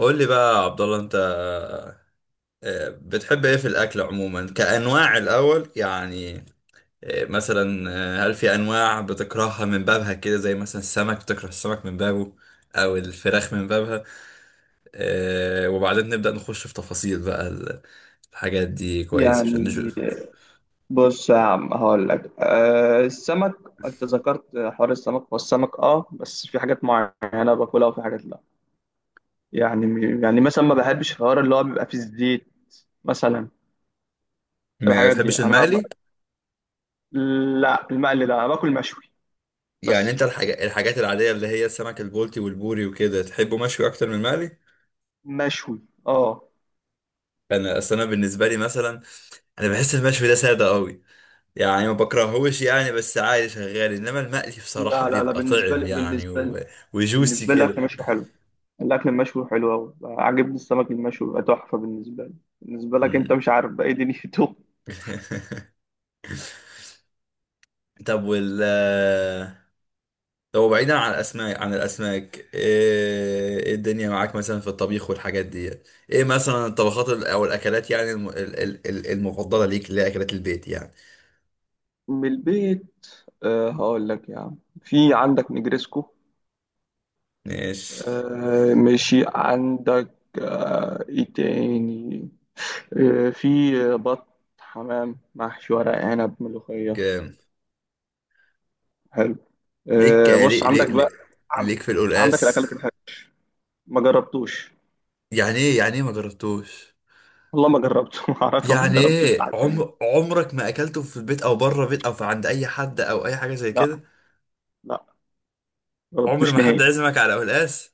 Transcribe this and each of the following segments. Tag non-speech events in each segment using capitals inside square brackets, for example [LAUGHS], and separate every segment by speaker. Speaker 1: قول لي بقى يا عبد الله انت. بتحب ايه في الاكل عموما كانواع الاول يعني؟ مثلا، هل في انواع بتكرهها من بابها كده؟ زي مثلا السمك، بتكره السمك من بابه او الفراخ من بابها؟ وبعدين نبدا نخش في تفاصيل بقى الحاجات دي، كويس عشان
Speaker 2: يعني
Speaker 1: نشوف.
Speaker 2: بص يا عم هقول لك، أه السمك. انت ذكرت حوار السمك، هو السمك اه، بس في حاجات معينه باكلها وفي حاجات لا. يعني مثلا ما بحبش الحوار اللي هو بيبقى فيه زيت مثلا.
Speaker 1: ما
Speaker 2: الحاجات دي
Speaker 1: تحبش
Speaker 2: انا
Speaker 1: المقلي؟
Speaker 2: لا، المقلي ده انا باكل مشوي،
Speaker 1: يعني
Speaker 2: بس
Speaker 1: انت الحاجات العاديه اللي هي السمك البلطي والبوري وكده، تحبه مشوي اكتر من المقلي؟
Speaker 2: مشوي. اه.
Speaker 1: انا اصل بالنسبه لي مثلا، انا بحس المشوي ده ساده قوي، يعني ما بكرهوش يعني، بس عادي شغال، انما المقلي بصراحة
Speaker 2: لا لا لا،
Speaker 1: بيبقى
Speaker 2: بالنسبه
Speaker 1: طعم
Speaker 2: لي،
Speaker 1: يعني
Speaker 2: بالنسبه لي
Speaker 1: و... وجوسي
Speaker 2: بالنسبه لي الاكل
Speaker 1: كده.
Speaker 2: مشوي حلو، الاكل المشوي حلو قوي، عاجبني السمك المشوي بيبقى تحفه بالنسبه لي. بالنسبه لك انت
Speaker 1: مم.
Speaker 2: مش عارف بقى ايه دنيته.
Speaker 1: [LAUGHS] طب وال طب بعيدا عن الاسماك، عن الاسماك، ايه إيه الدنيا معاك مثلا في الطبيخ والحاجات دي؟ ايه مثلا الطبخات او الاكلات، يعني المفضلة ليك، اللي هي اكلات البيت يعني.
Speaker 2: من البيت، أه هقول لك يا عم، في عندك نجريسكو.
Speaker 1: ماشي.
Speaker 2: أه ماشي عندك. أه ايه تاني. أه في بط، حمام، محشي، ورق عنب، ملوخية.
Speaker 1: جام.
Speaker 2: حلو.
Speaker 1: ليك
Speaker 2: أه بص
Speaker 1: ليك
Speaker 2: عندك بقى،
Speaker 1: ليك,
Speaker 2: عن-
Speaker 1: ليك في
Speaker 2: عندك
Speaker 1: القلقاس؟
Speaker 2: الأكلات الحلوة ما جربتوش.
Speaker 1: يعني ايه يعني ايه ما جربتوش؟
Speaker 2: والله ما جربته [LAUGHS] ما اعرفش، ما
Speaker 1: يعني
Speaker 2: جربتوش
Speaker 1: ايه،
Speaker 2: لحد دلوقتي.
Speaker 1: عمرك ما اكلته في البيت او بره بيت او في عند اي حد او اي حاجه زي
Speaker 2: لا
Speaker 1: كده؟
Speaker 2: لا، ما
Speaker 1: عمر ما
Speaker 2: جربتوش نهائي.
Speaker 1: حد عزمك على قلقاس؟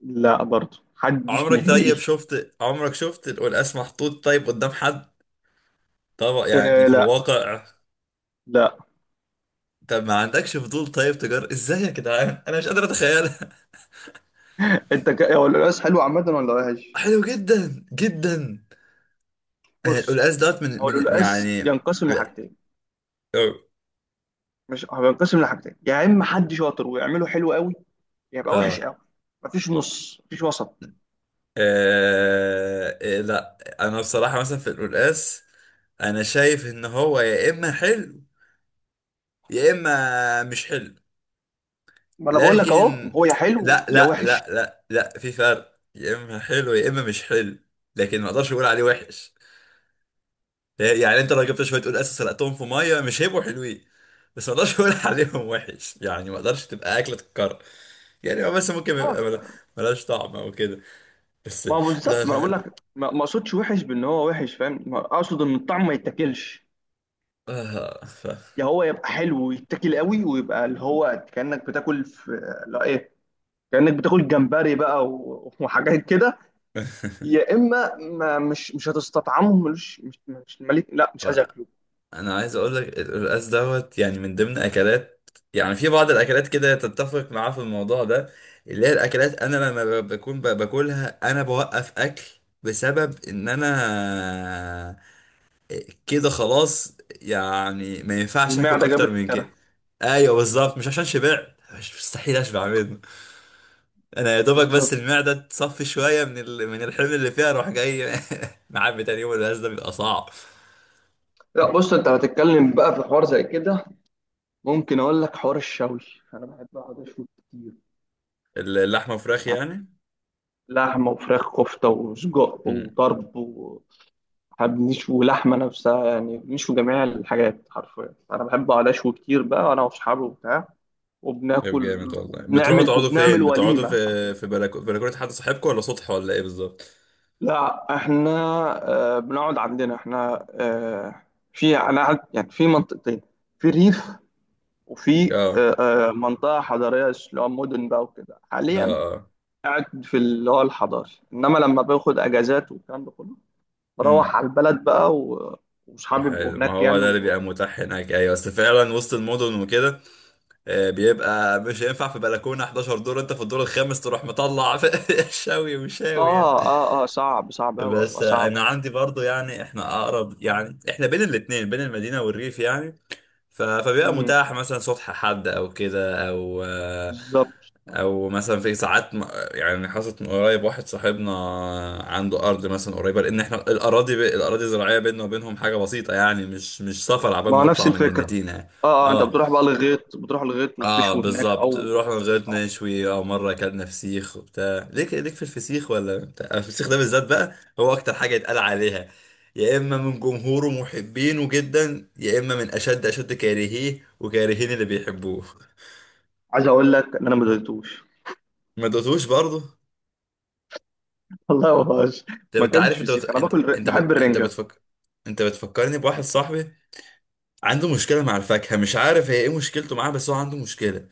Speaker 2: لا برضه حدش
Speaker 1: عمرك طيب
Speaker 2: نهائي.
Speaker 1: شفت عمرك، شفت القلقاس محطوط طيب قدام حد؟ طبعا يعني
Speaker 2: أه
Speaker 1: في
Speaker 2: لا
Speaker 1: الواقع.
Speaker 2: لا،
Speaker 1: طب ما عندكش فضول؟ طيب تجار ازاي يا جدعان، انا مش قادر اتخيلها.
Speaker 2: انت هو القلقاس حلو عامة ولا
Speaker 1: [LAUGHS]
Speaker 2: وحش؟
Speaker 1: حلو جدا جدا. أنا
Speaker 2: بص،
Speaker 1: القلقاس دوت من
Speaker 2: هو
Speaker 1: من
Speaker 2: القلقاس
Speaker 1: يعني،
Speaker 2: ينقسم لحاجتين،
Speaker 1: اه.
Speaker 2: مش هو ينقسم لحاجتين، يا اما حد شاطر ويعمله حلو قوي، يا يبقى وحش
Speaker 1: آه،
Speaker 2: قوي. مفيش نص، مفيش وسط.
Speaker 1: آه، إيه، لا. انا بصراحه مثلا في القلقاس، انا شايف ان هو يا اما حلو يا اما مش حلو،
Speaker 2: ما انا بقول لك اهو،
Speaker 1: لكن
Speaker 2: هو يا حلو
Speaker 1: لا
Speaker 2: يا
Speaker 1: لا
Speaker 2: وحش.
Speaker 1: لا لا لا في فرق، يا اما حلو يا اما مش حلو، لكن ما اقدرش اقول عليه وحش. يعني انت لو جبت شويه قول اساس سلقتهم في ميه، مش هيبقوا حلوين، بس ما اقدرش اقول [LAUGHS] عليهم وحش، يعني ما اقدرش تبقى اكله تتكرر، يعني هو بس ممكن
Speaker 2: لا،
Speaker 1: يبقى ملهاش طعم او كده، بس.
Speaker 2: ما هو
Speaker 1: لا
Speaker 2: بالظبط، ما انا بقول
Speaker 1: لا
Speaker 2: لك، ما اقصدش وحش بان هو وحش، فاهم؟ ما اقصد ان الطعم ما يتاكلش.
Speaker 1: ف...
Speaker 2: يا هو يبقى حلو ويتاكل قوي، ويبقى اللي هو كانك بتاكل في، لا ايه، كانك بتاكل جمبري بقى [LAUGHS] وحاجات كده. يا اما ما مش هتستطعمه، ملوش، مش مليك، لا مش عايز
Speaker 1: [LAUGHS]
Speaker 2: اكله.
Speaker 1: انا عايز اقول لك، القلقاس دوت يعني من ضمن اكلات، يعني في بعض الاكلات كده تتفق معاه في الموضوع ده، اللي هي الاكلات انا لما بكون باكلها انا بوقف اكل، بسبب ان انا كده خلاص، يعني ما ينفعش اكل
Speaker 2: المعده
Speaker 1: اكتر
Speaker 2: جابت
Speaker 1: من كده.
Speaker 2: اخرها.
Speaker 1: ايوه
Speaker 2: اه
Speaker 1: بالظبط، مش عشان شبعت، مش مستحيل اشبع منه، انا يا دوبك بس
Speaker 2: بالظبط.
Speaker 1: المعده تصفي شويه من ال... من الحمل اللي فيها اروح جاي [LAUGHS] معبي تاني يوم. القلقاس ده بيبقى صعب.
Speaker 2: لا بص، انت هتتكلم بقى في حوار زي كده، ممكن اقول لك حوار الشوي. انا بحب اقعد اشوي كتير.
Speaker 1: اللحمه وفراخ يعني؟
Speaker 2: لحمه وفراخ، كفته وسجق وطرب وحب، نشوي لحمه نفسها، يعني بنشوي جميع الحاجات حرفيا. انا بحب اقعد اشوي كتير بقى انا واصحابي وبتاع،
Speaker 1: طيب
Speaker 2: وبناكل
Speaker 1: جامد والله. بتروحوا
Speaker 2: وبنعمل،
Speaker 1: تقعدوا
Speaker 2: وبنعمل
Speaker 1: فين؟ بتقعدوا
Speaker 2: وليمه.
Speaker 1: في بلكونة حد صاحبكم ولا سطح ولا ايه بالظبط؟
Speaker 2: لا احنا، آه بنقعد عندنا احنا، آه في انا يعني في منطقتين، في ريف وفي
Speaker 1: اه،
Speaker 2: منطقة حضرية اللي هو مدن بقى وكده.
Speaker 1: اه،
Speaker 2: حاليا
Speaker 1: اه،
Speaker 2: قاعد في اللي هو الحضاري، إنما لما باخد أجازات والكلام ده كله بروح
Speaker 1: امم.
Speaker 2: على البلد بقى وصحابي بيبقوا
Speaker 1: حلو، ما
Speaker 2: هناك
Speaker 1: هو ده اللي بيبقى متاح هناك، ايوه، بس فعلا وسط المدن وكده بيبقى مش هينفع في بلكونة 11 دور، انت في الدور الخامس تروح مطلع [LAUGHS] شاوي وشاوي يعني.
Speaker 2: آه آه آه، صعب صعب أوي،
Speaker 1: بس
Speaker 2: بتبقى
Speaker 1: انا
Speaker 2: صعبة.
Speaker 1: عندي برضو، يعني احنا اقرب، يعني احنا بين الاتنين بين المدينة والريف يعني، فبيبقى
Speaker 2: مم،
Speaker 1: متاح مثلا صبح حد او كده، او
Speaker 2: بالظبط.
Speaker 1: او مثلا في ساعات يعني حصلت من قريب، واحد صاحبنا عنده ارض مثلا قريبه، لان احنا الاراضي ب... الاراضي الزراعيه بيننا وبينهم حاجه بسيطه يعني، مش سفر عبال
Speaker 2: ما
Speaker 1: ما
Speaker 2: هو نفس
Speaker 1: تطلع من
Speaker 2: الفكرة.
Speaker 1: المدينه.
Speaker 2: آه آه، أنت
Speaker 1: اه
Speaker 2: بتروح بقى للغيط، بتروح للغيط
Speaker 1: اه
Speaker 2: وبتشوي هناك أو
Speaker 1: بالظبط، رحنا وزيت
Speaker 2: أو.
Speaker 1: نشوي، او مره اكلنا فسيخ وبتاع. ليك ليك في الفسيخ ولا بتاع؟ الفسيخ ده بالذات بقى هو اكتر حاجه يتقال عليها، يا اما من جمهوره محبينه جدا يا اما من اشد كارهيه، وكارهين اللي بيحبوه.
Speaker 2: عايز أقول لك إن أنا ما دوقتوش
Speaker 1: ما دوتوش برضه؟
Speaker 2: [LAUGHS] والله ما بهزر.
Speaker 1: طب
Speaker 2: ما
Speaker 1: انت عارف،
Speaker 2: أكلتش
Speaker 1: انت
Speaker 2: فسيخ، أنا باكل بحب
Speaker 1: انت
Speaker 2: الرنجة.
Speaker 1: بتفكر، انت بتفكرني بواحد صاحبي عنده مشكله مع الفاكهه، مش عارف هي ايه مشكلته معاها، بس هو عنده مشكله،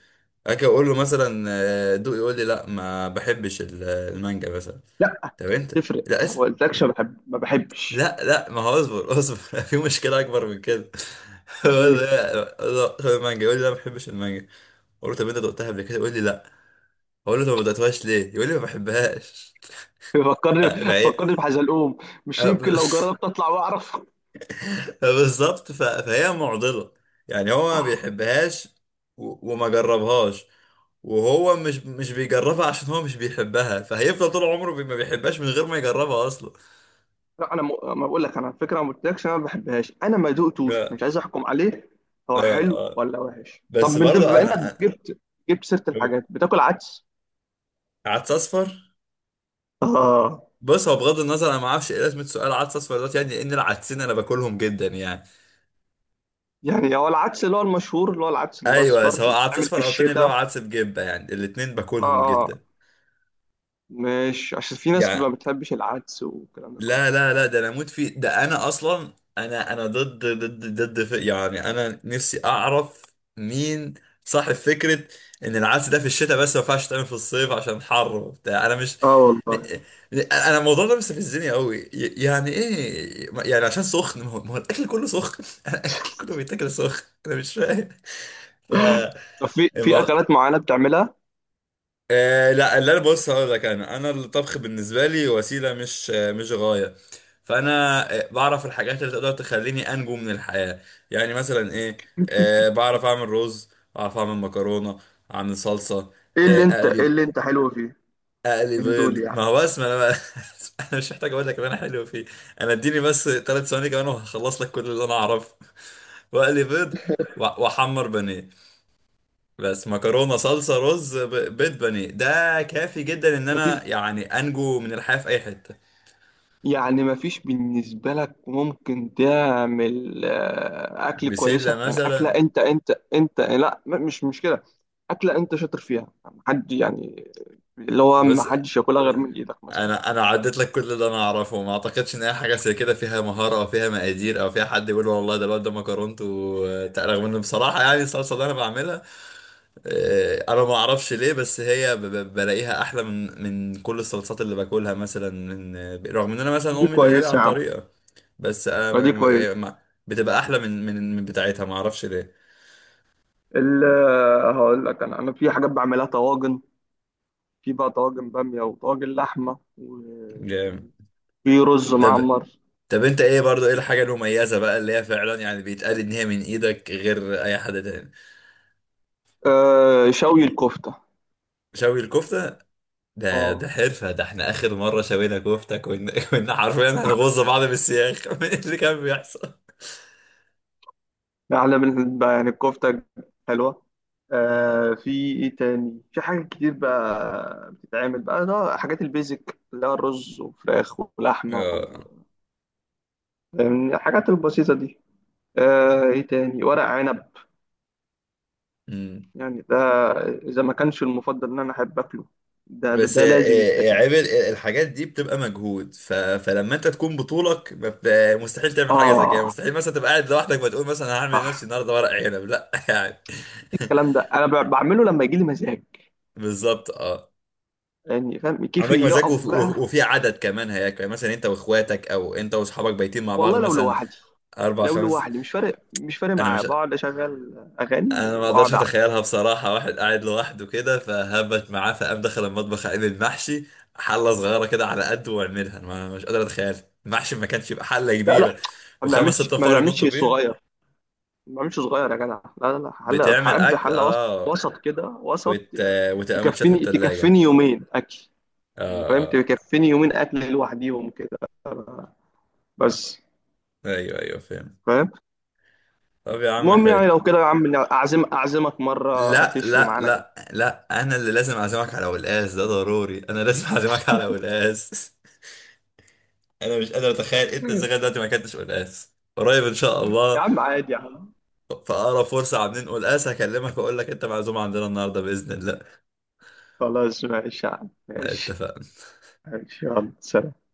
Speaker 1: اجي اقول له مثلا دوق، يقول لي لا ما بحبش المانجا مثلا.
Speaker 2: لا
Speaker 1: طب انت،
Speaker 2: تفرق،
Speaker 1: لا
Speaker 2: أنا ما
Speaker 1: اسف،
Speaker 2: قلتلكش
Speaker 1: لا،
Speaker 2: بحب ما بحبش
Speaker 1: ما هو اصبر اصبر [LAUGHS] في مشكلة اكبر من كده. [LAUGHS] هو
Speaker 2: ايه.
Speaker 1: ده خد المانجا يقول لي لا ما بحبش المانجا، اقول له طب انت دقتها قبل كده؟ يقول لي لا. اقول له طب ما دقتهاش ليه؟ يقول لي ما بحبهاش. [LAUGHS]
Speaker 2: فكرني،
Speaker 1: فهي
Speaker 2: فكرني بحزلقوم، مش
Speaker 1: أه،
Speaker 2: يمكن
Speaker 1: ب-
Speaker 2: لو جربت اطلع واعرف.
Speaker 1: [LAUGHS] بالظبط، فهي معضلة، يعني هو ما بيحبهاش و- وما جربهاش، وهو مش بيجربها عشان هو مش بيحبها، فهيفضل طول عمره ما بيحبهاش من غير ما يجربها اصلا.
Speaker 2: لا انا ما بقول لك انا على فكره، ما قلتلكش انا ما بحبهاش، انا ما دقتوش،
Speaker 1: لا
Speaker 2: مش عايز احكم عليه هو
Speaker 1: لا
Speaker 2: حلو ولا وحش. طب
Speaker 1: بس
Speaker 2: من ده،
Speaker 1: برضه
Speaker 2: بما انك
Speaker 1: انا
Speaker 2: جبت جبت سيره الحاجات، بتاكل عدس؟
Speaker 1: عدس اصفر.
Speaker 2: اه.
Speaker 1: بص، هو بغض النظر، انا ما اعرفش ايه لازمه سؤال عدس اصفر دلوقتي، يعني لان العدسين انا باكلهم جدا يعني،
Speaker 2: يعني هو العدس اللي هو المشهور اللي هو العدس
Speaker 1: ايوه
Speaker 2: الاصفر
Speaker 1: سواء
Speaker 2: اللي
Speaker 1: عدس
Speaker 2: بيتعمل في
Speaker 1: اصفر او تاني اللي هو
Speaker 2: الشتاء.
Speaker 1: عدس بجبه، يعني الاتنين
Speaker 2: اه
Speaker 1: باكلهم
Speaker 2: اه،
Speaker 1: جدا
Speaker 2: مش عشان في ناس ما
Speaker 1: يعني.
Speaker 2: بتحبش العدس والكلام ده
Speaker 1: لا
Speaker 2: كله.
Speaker 1: لا لا ده انا اموت فيه، ده انا اصلا انا ضد يعني انا نفسي اعرف مين صاحب فكرة ان العدس ده في الشتاء بس ما ينفعش تعمل في الصيف عشان حر وبتاع. انا مش
Speaker 2: اه
Speaker 1: م-
Speaker 2: والله.
Speaker 1: انا الموضوع ده مستفزني قوي، يعني ايه يعني عشان سخن، ما هو الاكل كله سخن، [LAUGHS] الاكل كله بيتاكل سخن، انا مش فاهم. ف،
Speaker 2: طب في في اكلات معينه بتعملها؟
Speaker 1: لا، اللي انا، بص هقول لك، انا الطبخ بالنسبه لي وسيله، مش مش غايه، فانا بعرف الحاجات اللي تقدر تخليني انجو من الحياه، يعني مثلا ايه؟ بعرف اعمل رز، بعرف اعمل مكرونه، اعمل صلصه،
Speaker 2: ايه اللي انت، ايه
Speaker 1: اقلي،
Speaker 2: اللي انت حلو فيه
Speaker 1: اقلي
Speaker 2: من دول
Speaker 1: بيض، ما هو
Speaker 2: يعني؟
Speaker 1: بس ما انا بقى [LAUGHS] انا مش محتاج اقول لك ان انا حلو فيه، انا اديني بس ثلاث ثواني كمان وهخلص لك كل اللي انا اعرفه، [LAUGHS] واقلي بيض واحمر بانيه، بس. مكرونه، صلصه، رز، بيض، بانيه، ده كافي جدا ان انا
Speaker 2: مفيش؟
Speaker 1: يعني انجو من الحياه في اي حته.
Speaker 2: يعني مفيش بالنسبة لك ممكن تعمل أكل
Speaker 1: بسله
Speaker 2: كويسة، يعني أكلة
Speaker 1: مثلا.
Speaker 2: أنت، أنت لا مش مش كده، أكلة أنت شاطر فيها، حد يعني، اللي هو ما
Speaker 1: بس
Speaker 2: حدش ياكلها غير من إيدك مثلا.
Speaker 1: انا عديت لك كل اللي انا اعرفه، ما اعتقدش ان اي حاجه زي كده فيها مهاره او فيها مقادير او فيها حد يقول والله ده الواد ده مكرونته، رغم ان بصراحه يعني الصلصه اللي انا بعملها، انا ما اعرفش ليه، بس هي بلاقيها احلى من كل الصلصات اللي باكلها مثلا، من رغم ان انا مثلا
Speaker 2: دي
Speaker 1: امي اللي قايله لي على
Speaker 2: كويسة يا عم،
Speaker 1: الطريقه، بس انا
Speaker 2: دي كويسة.
Speaker 1: بتبقى احلى من بتاعتها، ما اعرفش ليه.
Speaker 2: هقول لك أنا، أنا في حاجات بعملها طواجن، في بقى طواجن بامية وطواجن لحمة،
Speaker 1: جامد.
Speaker 2: وفي رز
Speaker 1: طب
Speaker 2: معمر.
Speaker 1: طب انت ايه برضو، ايه الحاجه المميزه بقى اللي هي فعلا يعني بيتقال ان هي من ايدك غير اي حد تاني؟
Speaker 2: آه، شوي الكفتة.
Speaker 1: شوي الكفتة. ده ده
Speaker 2: اه،
Speaker 1: حرفة، ده احنا آخر مرة شوينا كفتة كنا [LAUGHS] كنا حرفيا هنغز بعض بالسياخ [LAUGHS] من اللي كان بيحصل.
Speaker 2: ده احلى من بقى يعني، الكفته حلوه. آه، في ايه تاني. في حاجات كتير بقى بتتعمل بقى، ده حاجات البيزك اللي هو الرز وفراخ ولحمه
Speaker 1: اه.
Speaker 2: يعني الحاجات البسيطه دي. آه ايه تاني، ورق عنب،
Speaker 1: أمم.
Speaker 2: يعني ده اذا ما كانش المفضل ان انا احب اكله، ده ده,
Speaker 1: بس
Speaker 2: ده لازم يتاكل.
Speaker 1: عيب الحاجات دي بتبقى مجهود، فلما انت تكون بطولك ما بت... مستحيل تعمل حاجة زي كده،
Speaker 2: اه
Speaker 1: مستحيل مثلا تبقى قاعد لوحدك ما تقول مثلا أنا هعمل لنفسي
Speaker 2: صح،
Speaker 1: النهارده ورق عنب، لا [LAUGHS] يعني.
Speaker 2: الكلام ده انا بعمله لما يجي لي مزاج،
Speaker 1: بالظبط اه.
Speaker 2: يعني فاهم كيفي
Speaker 1: عندك مزاج
Speaker 2: يقف بقى.
Speaker 1: وفي عدد كمان هياكل، يعني مثلا انت واخواتك او انت واصحابك بايتين مع بعض
Speaker 2: والله لو
Speaker 1: مثلا،
Speaker 2: لوحدي،
Speaker 1: اربع
Speaker 2: لو
Speaker 1: خمس.
Speaker 2: لوحدي مش فارق، مش فارق
Speaker 1: انا
Speaker 2: معايا،
Speaker 1: مش،
Speaker 2: بقعد اشغل اغاني
Speaker 1: انا ما اقدرش
Speaker 2: واقعد اعمل.
Speaker 1: اتخيلها بصراحه، واحد قاعد لوحده كده فهبت معاه فقام دخل المطبخ عامل المحشي حله صغيره كده على قده واعملها، أنا ما مش قادر اتخيل. المحشي ما كانش يبقى حله
Speaker 2: لا لا،
Speaker 1: كبيره
Speaker 2: ما
Speaker 1: وخمس
Speaker 2: بنعملش،
Speaker 1: ست
Speaker 2: ما
Speaker 1: نفار
Speaker 2: بنعملش
Speaker 1: ينطوا
Speaker 2: صغير،
Speaker 1: فيه؟
Speaker 2: ما بنعملش صغير يا جدع، لا لا لا، حل
Speaker 1: بتعمل
Speaker 2: بحب
Speaker 1: اكل
Speaker 2: حل وسط،
Speaker 1: اه،
Speaker 2: وسط كده، وسط.
Speaker 1: وت... وتبقى متشال في
Speaker 2: تكفيني، تكفيني
Speaker 1: التلاجة.
Speaker 2: يومين اكل، يعني
Speaker 1: اه،
Speaker 2: فاهم،
Speaker 1: اه،
Speaker 2: تكفيني يومين اكل لوحديهم كده بس،
Speaker 1: ايوه ايوه فاهم.
Speaker 2: فاهم.
Speaker 1: طب يا عم
Speaker 2: المهم يعني
Speaker 1: حلو.
Speaker 2: لو كده يا عم، اعزم اعزمك مره
Speaker 1: لا
Speaker 2: تشوي
Speaker 1: لا
Speaker 2: معانا كده.
Speaker 1: لا لا انا اللي لازم اعزمك على قلقاس، ده ضروري، انا لازم [LAUGHS] اعزمك على قلقاس. [LAUGHS] انا مش قادر اتخيل انت ازاي لغاية دلوقتي ما اكلتش قلقاس، قريب ان شاء
Speaker 2: يا
Speaker 1: الله.
Speaker 2: عم عادي يا عم.
Speaker 1: فأقرب فرصة عم ننقل قاس هكلمك وأقول لك أنت معزوم عندنا النهاردة بإذن الله.
Speaker 2: خلاص ماشي يا عم، ماشي،
Speaker 1: اتفق.
Speaker 2: ماشي، يلا سلام.